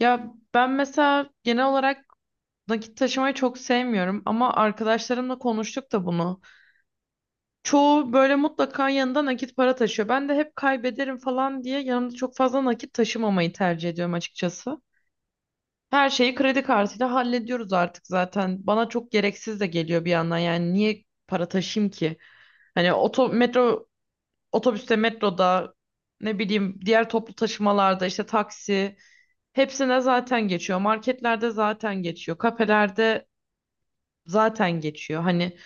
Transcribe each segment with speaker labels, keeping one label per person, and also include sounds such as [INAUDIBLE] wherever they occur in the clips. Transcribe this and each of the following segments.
Speaker 1: Ya ben mesela genel olarak nakit taşımayı çok sevmiyorum ama arkadaşlarımla konuştuk da bunu. Çoğu böyle mutlaka yanında nakit para taşıyor. Ben de hep kaybederim falan diye yanımda çok fazla nakit taşımamayı tercih ediyorum açıkçası. Her şeyi kredi kartıyla hallediyoruz artık zaten. Bana çok gereksiz de geliyor bir yandan. Yani niye para taşıyayım ki? Hani metro, otobüste, metroda ne bileyim diğer toplu taşımalarda işte taksi. Hepsine zaten geçiyor. Marketlerde zaten geçiyor. Kafelerde zaten geçiyor. Hani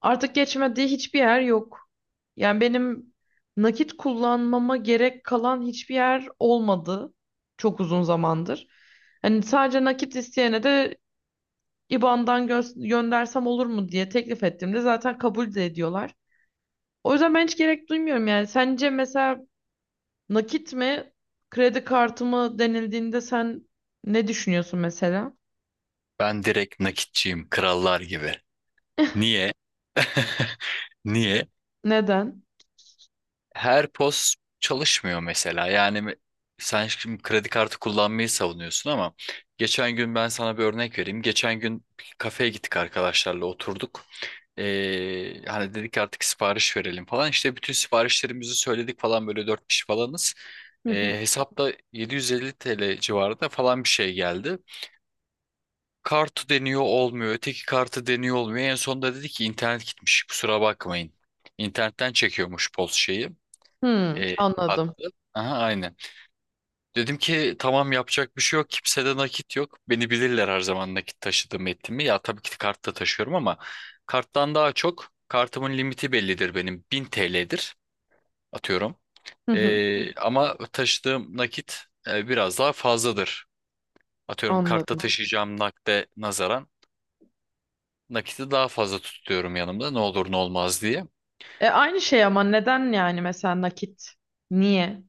Speaker 1: artık geçmediği hiçbir yer yok. Yani benim nakit kullanmama gerek kalan hiçbir yer olmadı çok uzun zamandır. Hani sadece nakit isteyene de IBAN'dan göndersem olur mu diye teklif ettiğimde zaten kabul de ediyorlar. O yüzden ben hiç gerek duymuyorum yani. Sence mesela nakit mi, kredi kartı mı denildiğinde sen ne düşünüyorsun mesela?
Speaker 2: Ben direkt nakitçiyim, krallar gibi. Niye? [LAUGHS] Niye?
Speaker 1: Neden?
Speaker 2: Her POS çalışmıyor mesela. Yani sen şimdi kredi kartı kullanmayı savunuyorsun ama geçen gün ben sana bir örnek vereyim. Geçen gün bir kafeye gittik arkadaşlarla oturduk. Hani dedik artık sipariş verelim falan. İşte bütün siparişlerimizi söyledik falan böyle dört kişi falanız.
Speaker 1: Hı hı.
Speaker 2: Hesapta 750 TL civarında falan bir şey geldi. Kartı deniyor olmuyor. Öteki kartı deniyor olmuyor. En sonunda dedi ki internet gitmiş. Kusura bakmayın. İnternetten çekiyormuş poz şeyi.
Speaker 1: Hı,
Speaker 2: E,
Speaker 1: anladım.
Speaker 2: hattı. Aha, aynen. Dedim ki tamam yapacak bir şey yok. Kimsede nakit yok. Beni bilirler her zaman nakit taşıdığımı ettiğimi. Ya tabii ki kart da taşıyorum ama karttan daha çok kartımın limiti bellidir benim. 1000 TL'dir atıyorum.
Speaker 1: Hı hı,
Speaker 2: Ama taşıdığım nakit biraz daha fazladır. Atıyorum kartta
Speaker 1: anladım.
Speaker 2: taşıyacağım nakde nazaran nakiti daha fazla tutuyorum yanımda ne olur ne olmaz diye.
Speaker 1: E aynı şey ama neden yani mesela nakit? Niye?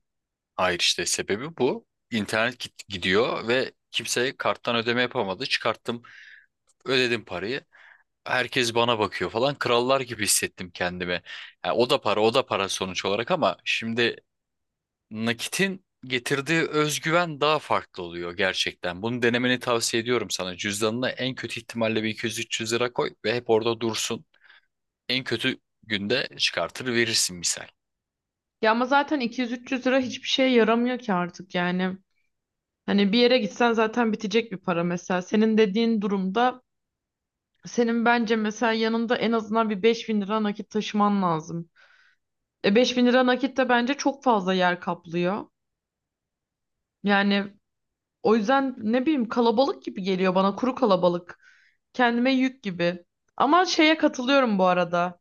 Speaker 2: Hayır işte sebebi bu. İnternet gidiyor ve kimse karttan ödeme yapamadı. Çıkarttım, ödedim parayı. Herkes bana bakıyor falan. Krallar gibi hissettim kendimi. Ha, o da para, o da para sonuç olarak ama şimdi nakitin getirdiği özgüven daha farklı oluyor gerçekten. Bunu denemeni tavsiye ediyorum sana. Cüzdanına en kötü ihtimalle bir 200-300 lira koy ve hep orada dursun. En kötü günde çıkartır verirsin misal.
Speaker 1: Ya ama zaten 200-300 lira hiçbir şeye yaramıyor ki artık yani. Hani bir yere gitsen zaten bitecek bir para mesela. Senin dediğin durumda senin bence mesela yanında en azından bir 5.000 lira nakit taşıman lazım. E 5.000 lira nakit de bence çok fazla yer kaplıyor. Yani o yüzden ne bileyim kalabalık gibi geliyor bana, kuru kalabalık. Kendime yük gibi. Ama şeye katılıyorum bu arada,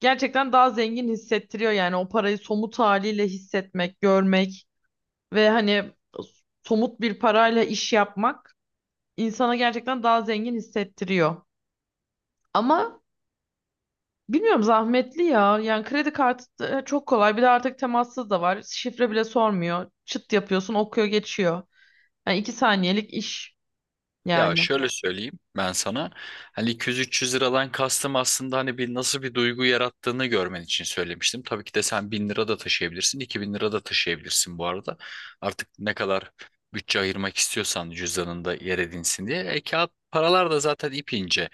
Speaker 1: gerçekten daha zengin hissettiriyor yani o parayı somut haliyle hissetmek, görmek ve hani somut bir parayla iş yapmak insana gerçekten daha zengin hissettiriyor. Ama bilmiyorum, zahmetli ya. Yani kredi kartı da çok kolay. Bir de artık temassız da var. Şifre bile sormuyor. Çıt yapıyorsun, okuyor, geçiyor. Yani iki saniyelik iş
Speaker 2: Ya
Speaker 1: yani.
Speaker 2: şöyle söyleyeyim ben sana. Hani 200-300 liradan kastım aslında hani bir nasıl bir duygu yarattığını görmen için söylemiştim. Tabii ki de sen 1000 lira da taşıyabilirsin, 2000 lira da taşıyabilirsin bu arada. Artık ne kadar bütçe ayırmak istiyorsan cüzdanında yer edinsin diye. E kağıt paralar da zaten ip ince.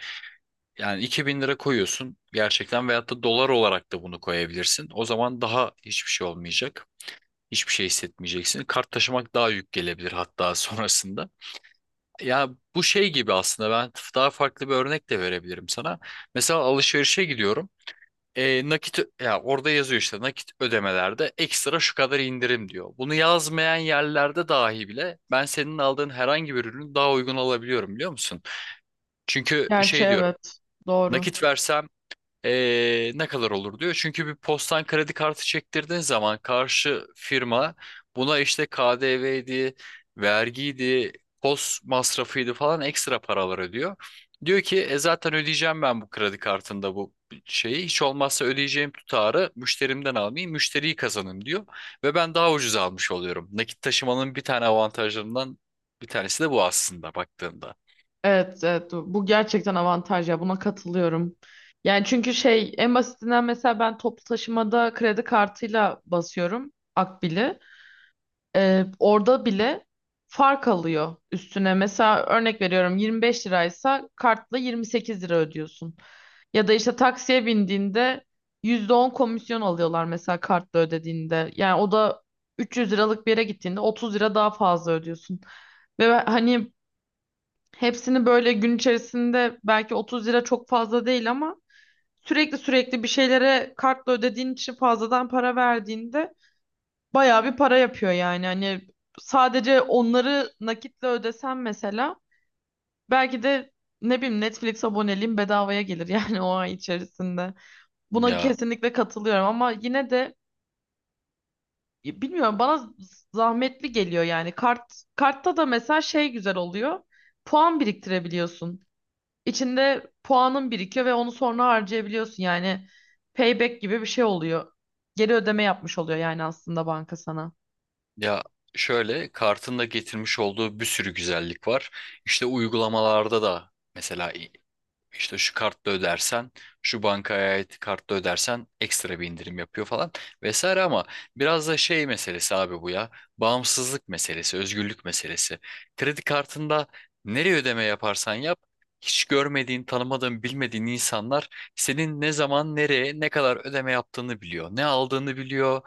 Speaker 2: Yani 2000 lira koyuyorsun gerçekten veyahut da dolar olarak da bunu koyabilirsin. O zaman daha hiçbir şey olmayacak. Hiçbir şey hissetmeyeceksin. Kart taşımak daha yük gelebilir hatta [LAUGHS] sonrasında. Ya bu şey gibi aslında ben daha farklı bir örnek de verebilirim sana. Mesela alışverişe gidiyorum. Nakit ya orada yazıyor işte nakit ödemelerde ekstra şu kadar indirim diyor. Bunu yazmayan yerlerde dahi bile ben senin aldığın herhangi bir ürünü daha uygun alabiliyorum biliyor musun? Çünkü
Speaker 1: Gerçi
Speaker 2: şey diyorum.
Speaker 1: evet. Doğru.
Speaker 2: Nakit versem ne kadar olur diyor. Çünkü bir postan kredi kartı çektirdiğin zaman karşı firma buna işte KDV'ydi, vergiydi, post masrafıydı falan ekstra paralar ödüyor. Diyor ki zaten ödeyeceğim ben bu kredi kartında bu şeyi. Hiç olmazsa ödeyeceğim tutarı müşterimden almayayım, müşteriyi kazanayım diyor. Ve ben daha ucuz almış oluyorum. Nakit taşımanın bir tane avantajlarından bir tanesi de bu aslında baktığında.
Speaker 1: Evet, evet, bu gerçekten avantaj ya, buna katılıyorum. Yani çünkü şey, en basitinden mesela ben toplu taşımada kredi kartıyla basıyorum Akbil'i. Orada bile fark alıyor üstüne. Mesela örnek veriyorum, 25 liraysa kartla 28 lira ödüyorsun. Ya da işte taksiye bindiğinde %10 komisyon alıyorlar mesela kartla ödediğinde. Yani o da 300 liralık bir yere gittiğinde 30 lira daha fazla ödüyorsun. Ve hani hepsini böyle gün içerisinde, belki 30 lira çok fazla değil ama sürekli sürekli bir şeylere kartla ödediğin için fazladan para verdiğinde bayağı bir para yapıyor yani. Hani sadece onları nakitle ödesen mesela, belki de ne bileyim Netflix aboneliğim bedavaya gelir [LAUGHS] yani o ay içerisinde. Buna
Speaker 2: Ya
Speaker 1: kesinlikle katılıyorum ama yine de bilmiyorum, bana zahmetli geliyor yani. Kartta da mesela şey güzel oluyor. Puan biriktirebiliyorsun. İçinde puanın birikiyor ve onu sonra harcayabiliyorsun. Yani payback gibi bir şey oluyor. Geri ödeme yapmış oluyor yani aslında banka sana.
Speaker 2: Ya şöyle kartın da getirmiş olduğu bir sürü güzellik var. İşte uygulamalarda da mesela işte şu kartla ödersen, şu bankaya ait kartla ödersen ekstra bir indirim yapıyor falan vesaire ama biraz da şey meselesi abi bu ya. Bağımsızlık meselesi, özgürlük meselesi. Kredi kartında nereye ödeme yaparsan yap hiç görmediğin, tanımadığın, bilmediğin insanlar senin ne zaman, nereye, ne kadar ödeme yaptığını biliyor. Ne aldığını biliyor,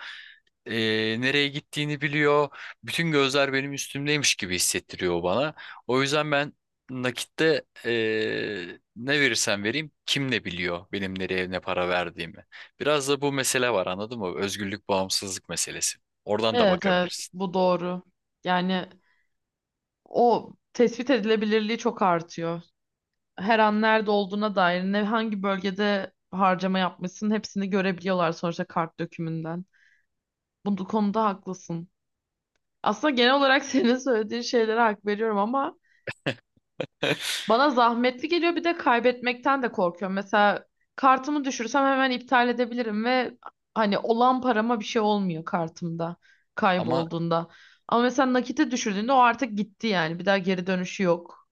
Speaker 2: nereye gittiğini biliyor. Bütün gözler benim üstümdeymiş gibi hissettiriyor o bana. O yüzden ben nakitte ne verirsem vereyim kim ne biliyor benim nereye ne para verdiğimi. Biraz da bu mesele var anladın mı? Özgürlük, bağımsızlık meselesi. Oradan da
Speaker 1: Evet, evet
Speaker 2: bakabilirsin.
Speaker 1: bu doğru. Yani o tespit edilebilirliği çok artıyor. Her an nerede olduğuna dair, ne hangi bölgede harcama yapmışsın, hepsini görebiliyorlar sonuçta kart dökümünden. Bu konuda haklısın. Aslında genel olarak [LAUGHS] senin söylediğin şeylere hak veriyorum ama bana zahmetli geliyor, bir de kaybetmekten de korkuyorum. Mesela kartımı düşürsem hemen iptal edebilirim ve hani olan parama bir şey olmuyor kartımda
Speaker 2: Ama
Speaker 1: kaybolduğunda. Ama mesela nakite düşürdüğünde o artık gitti yani. Bir daha geri dönüşü yok.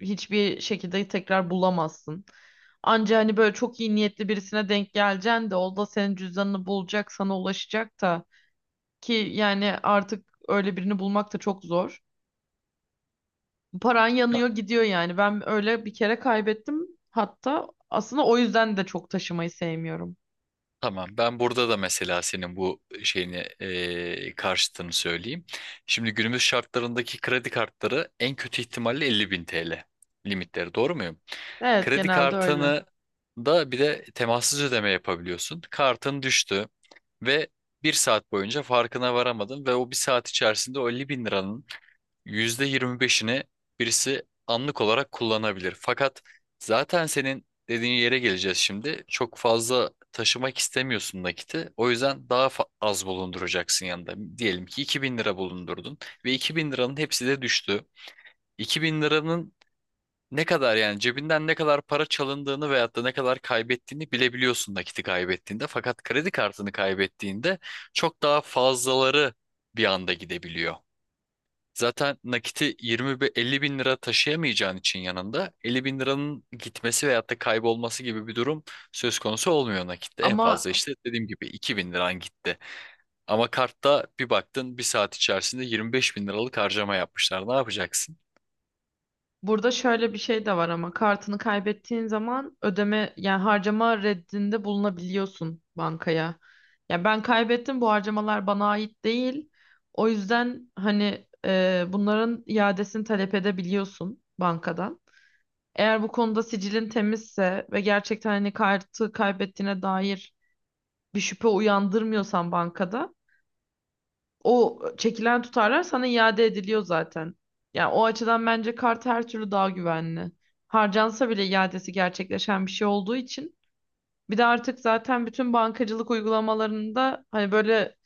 Speaker 1: Hiçbir şekilde tekrar bulamazsın. Anca hani böyle çok iyi niyetli birisine denk geleceksin de, o da senin cüzdanını bulacak, sana ulaşacak da, ki yani artık öyle birini bulmak da çok zor. Paran yanıyor gidiyor yani. Ben öyle bir kere kaybettim. Hatta aslında o yüzden de çok taşımayı sevmiyorum.
Speaker 2: Tamam, ben burada da mesela senin bu şeyini karşıtını söyleyeyim. Şimdi günümüz şartlarındaki kredi kartları en kötü ihtimalle 50 bin TL limitleri, doğru muyum?
Speaker 1: Evet,
Speaker 2: Kredi
Speaker 1: genelde öyle.
Speaker 2: kartını da bir de temassız ödeme yapabiliyorsun. Kartın düştü ve bir saat boyunca farkına varamadın ve o bir saat içerisinde o 50 bin liranın %25'ini birisi anlık olarak kullanabilir. Fakat zaten senin dediğin yere geleceğiz şimdi. Çok fazla taşımak istemiyorsun nakiti. O yüzden daha az bulunduracaksın yanında. Diyelim ki 2000 lira bulundurdun ve 2000 liranın hepsi de düştü. İki bin liranın ne kadar yani cebinden ne kadar para çalındığını veyahut da ne kadar kaybettiğini bilebiliyorsun nakiti kaybettiğinde. Fakat kredi kartını kaybettiğinde çok daha fazlaları bir anda gidebiliyor. Zaten nakiti 50 bin lira taşıyamayacağın için yanında 50 bin liranın gitmesi veyahut da kaybolması gibi bir durum söz konusu olmuyor nakitte. En
Speaker 1: Ama
Speaker 2: fazla işte dediğim gibi 2 bin liran gitti. Ama kartta bir baktın bir saat içerisinde 25 bin liralık harcama yapmışlar. Ne yapacaksın?
Speaker 1: burada şöyle bir şey de var, ama kartını kaybettiğin zaman ödeme yani harcama reddinde bulunabiliyorsun bankaya. Ya ben kaybettim, bu harcamalar bana ait değil. O yüzden hani bunların iadesini talep edebiliyorsun bankadan. Eğer bu konuda sicilin temizse ve gerçekten hani kartı kaybettiğine dair bir şüphe uyandırmıyorsan bankada, o çekilen tutarlar sana iade ediliyor zaten. Yani o açıdan bence kart her türlü daha güvenli. Harcansa bile iadesi gerçekleşen bir şey olduğu için. Bir de artık zaten bütün bankacılık uygulamalarında hani böyle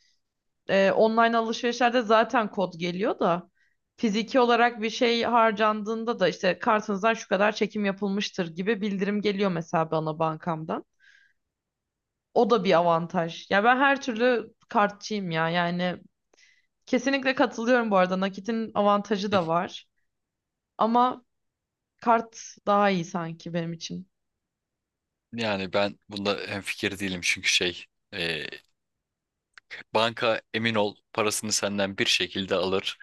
Speaker 1: online alışverişlerde zaten kod geliyor da, fiziki olarak bir şey harcandığında da işte kartınızdan şu kadar çekim yapılmıştır gibi bildirim geliyor mesela bana bankamdan. O da bir avantaj. Ya ben her türlü kartçıyım ya. Yani kesinlikle katılıyorum bu arada, nakitin avantajı da
Speaker 2: [LAUGHS]
Speaker 1: var. Ama kart daha iyi sanki benim için.
Speaker 2: Yani ben bunda hemfikir değilim çünkü şey e, banka emin ol parasını senden bir şekilde alır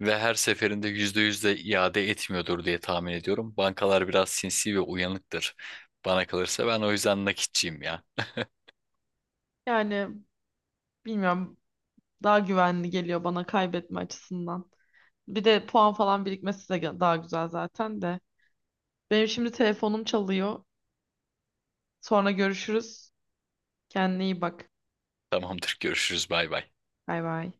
Speaker 2: ve her seferinde yüzde iade etmiyordur diye tahmin ediyorum. Bankalar biraz sinsi ve uyanıktır. Bana kalırsa ben o yüzden nakitçiyim ya.
Speaker 1: Yani bilmiyorum, daha güvenli geliyor bana kaybetme açısından. Bir de puan falan birikmesi de daha güzel zaten de. Benim şimdi telefonum çalıyor. Sonra görüşürüz. Kendine iyi bak.
Speaker 2: Tamamdır görüşürüz bay bay.
Speaker 1: Bay bay.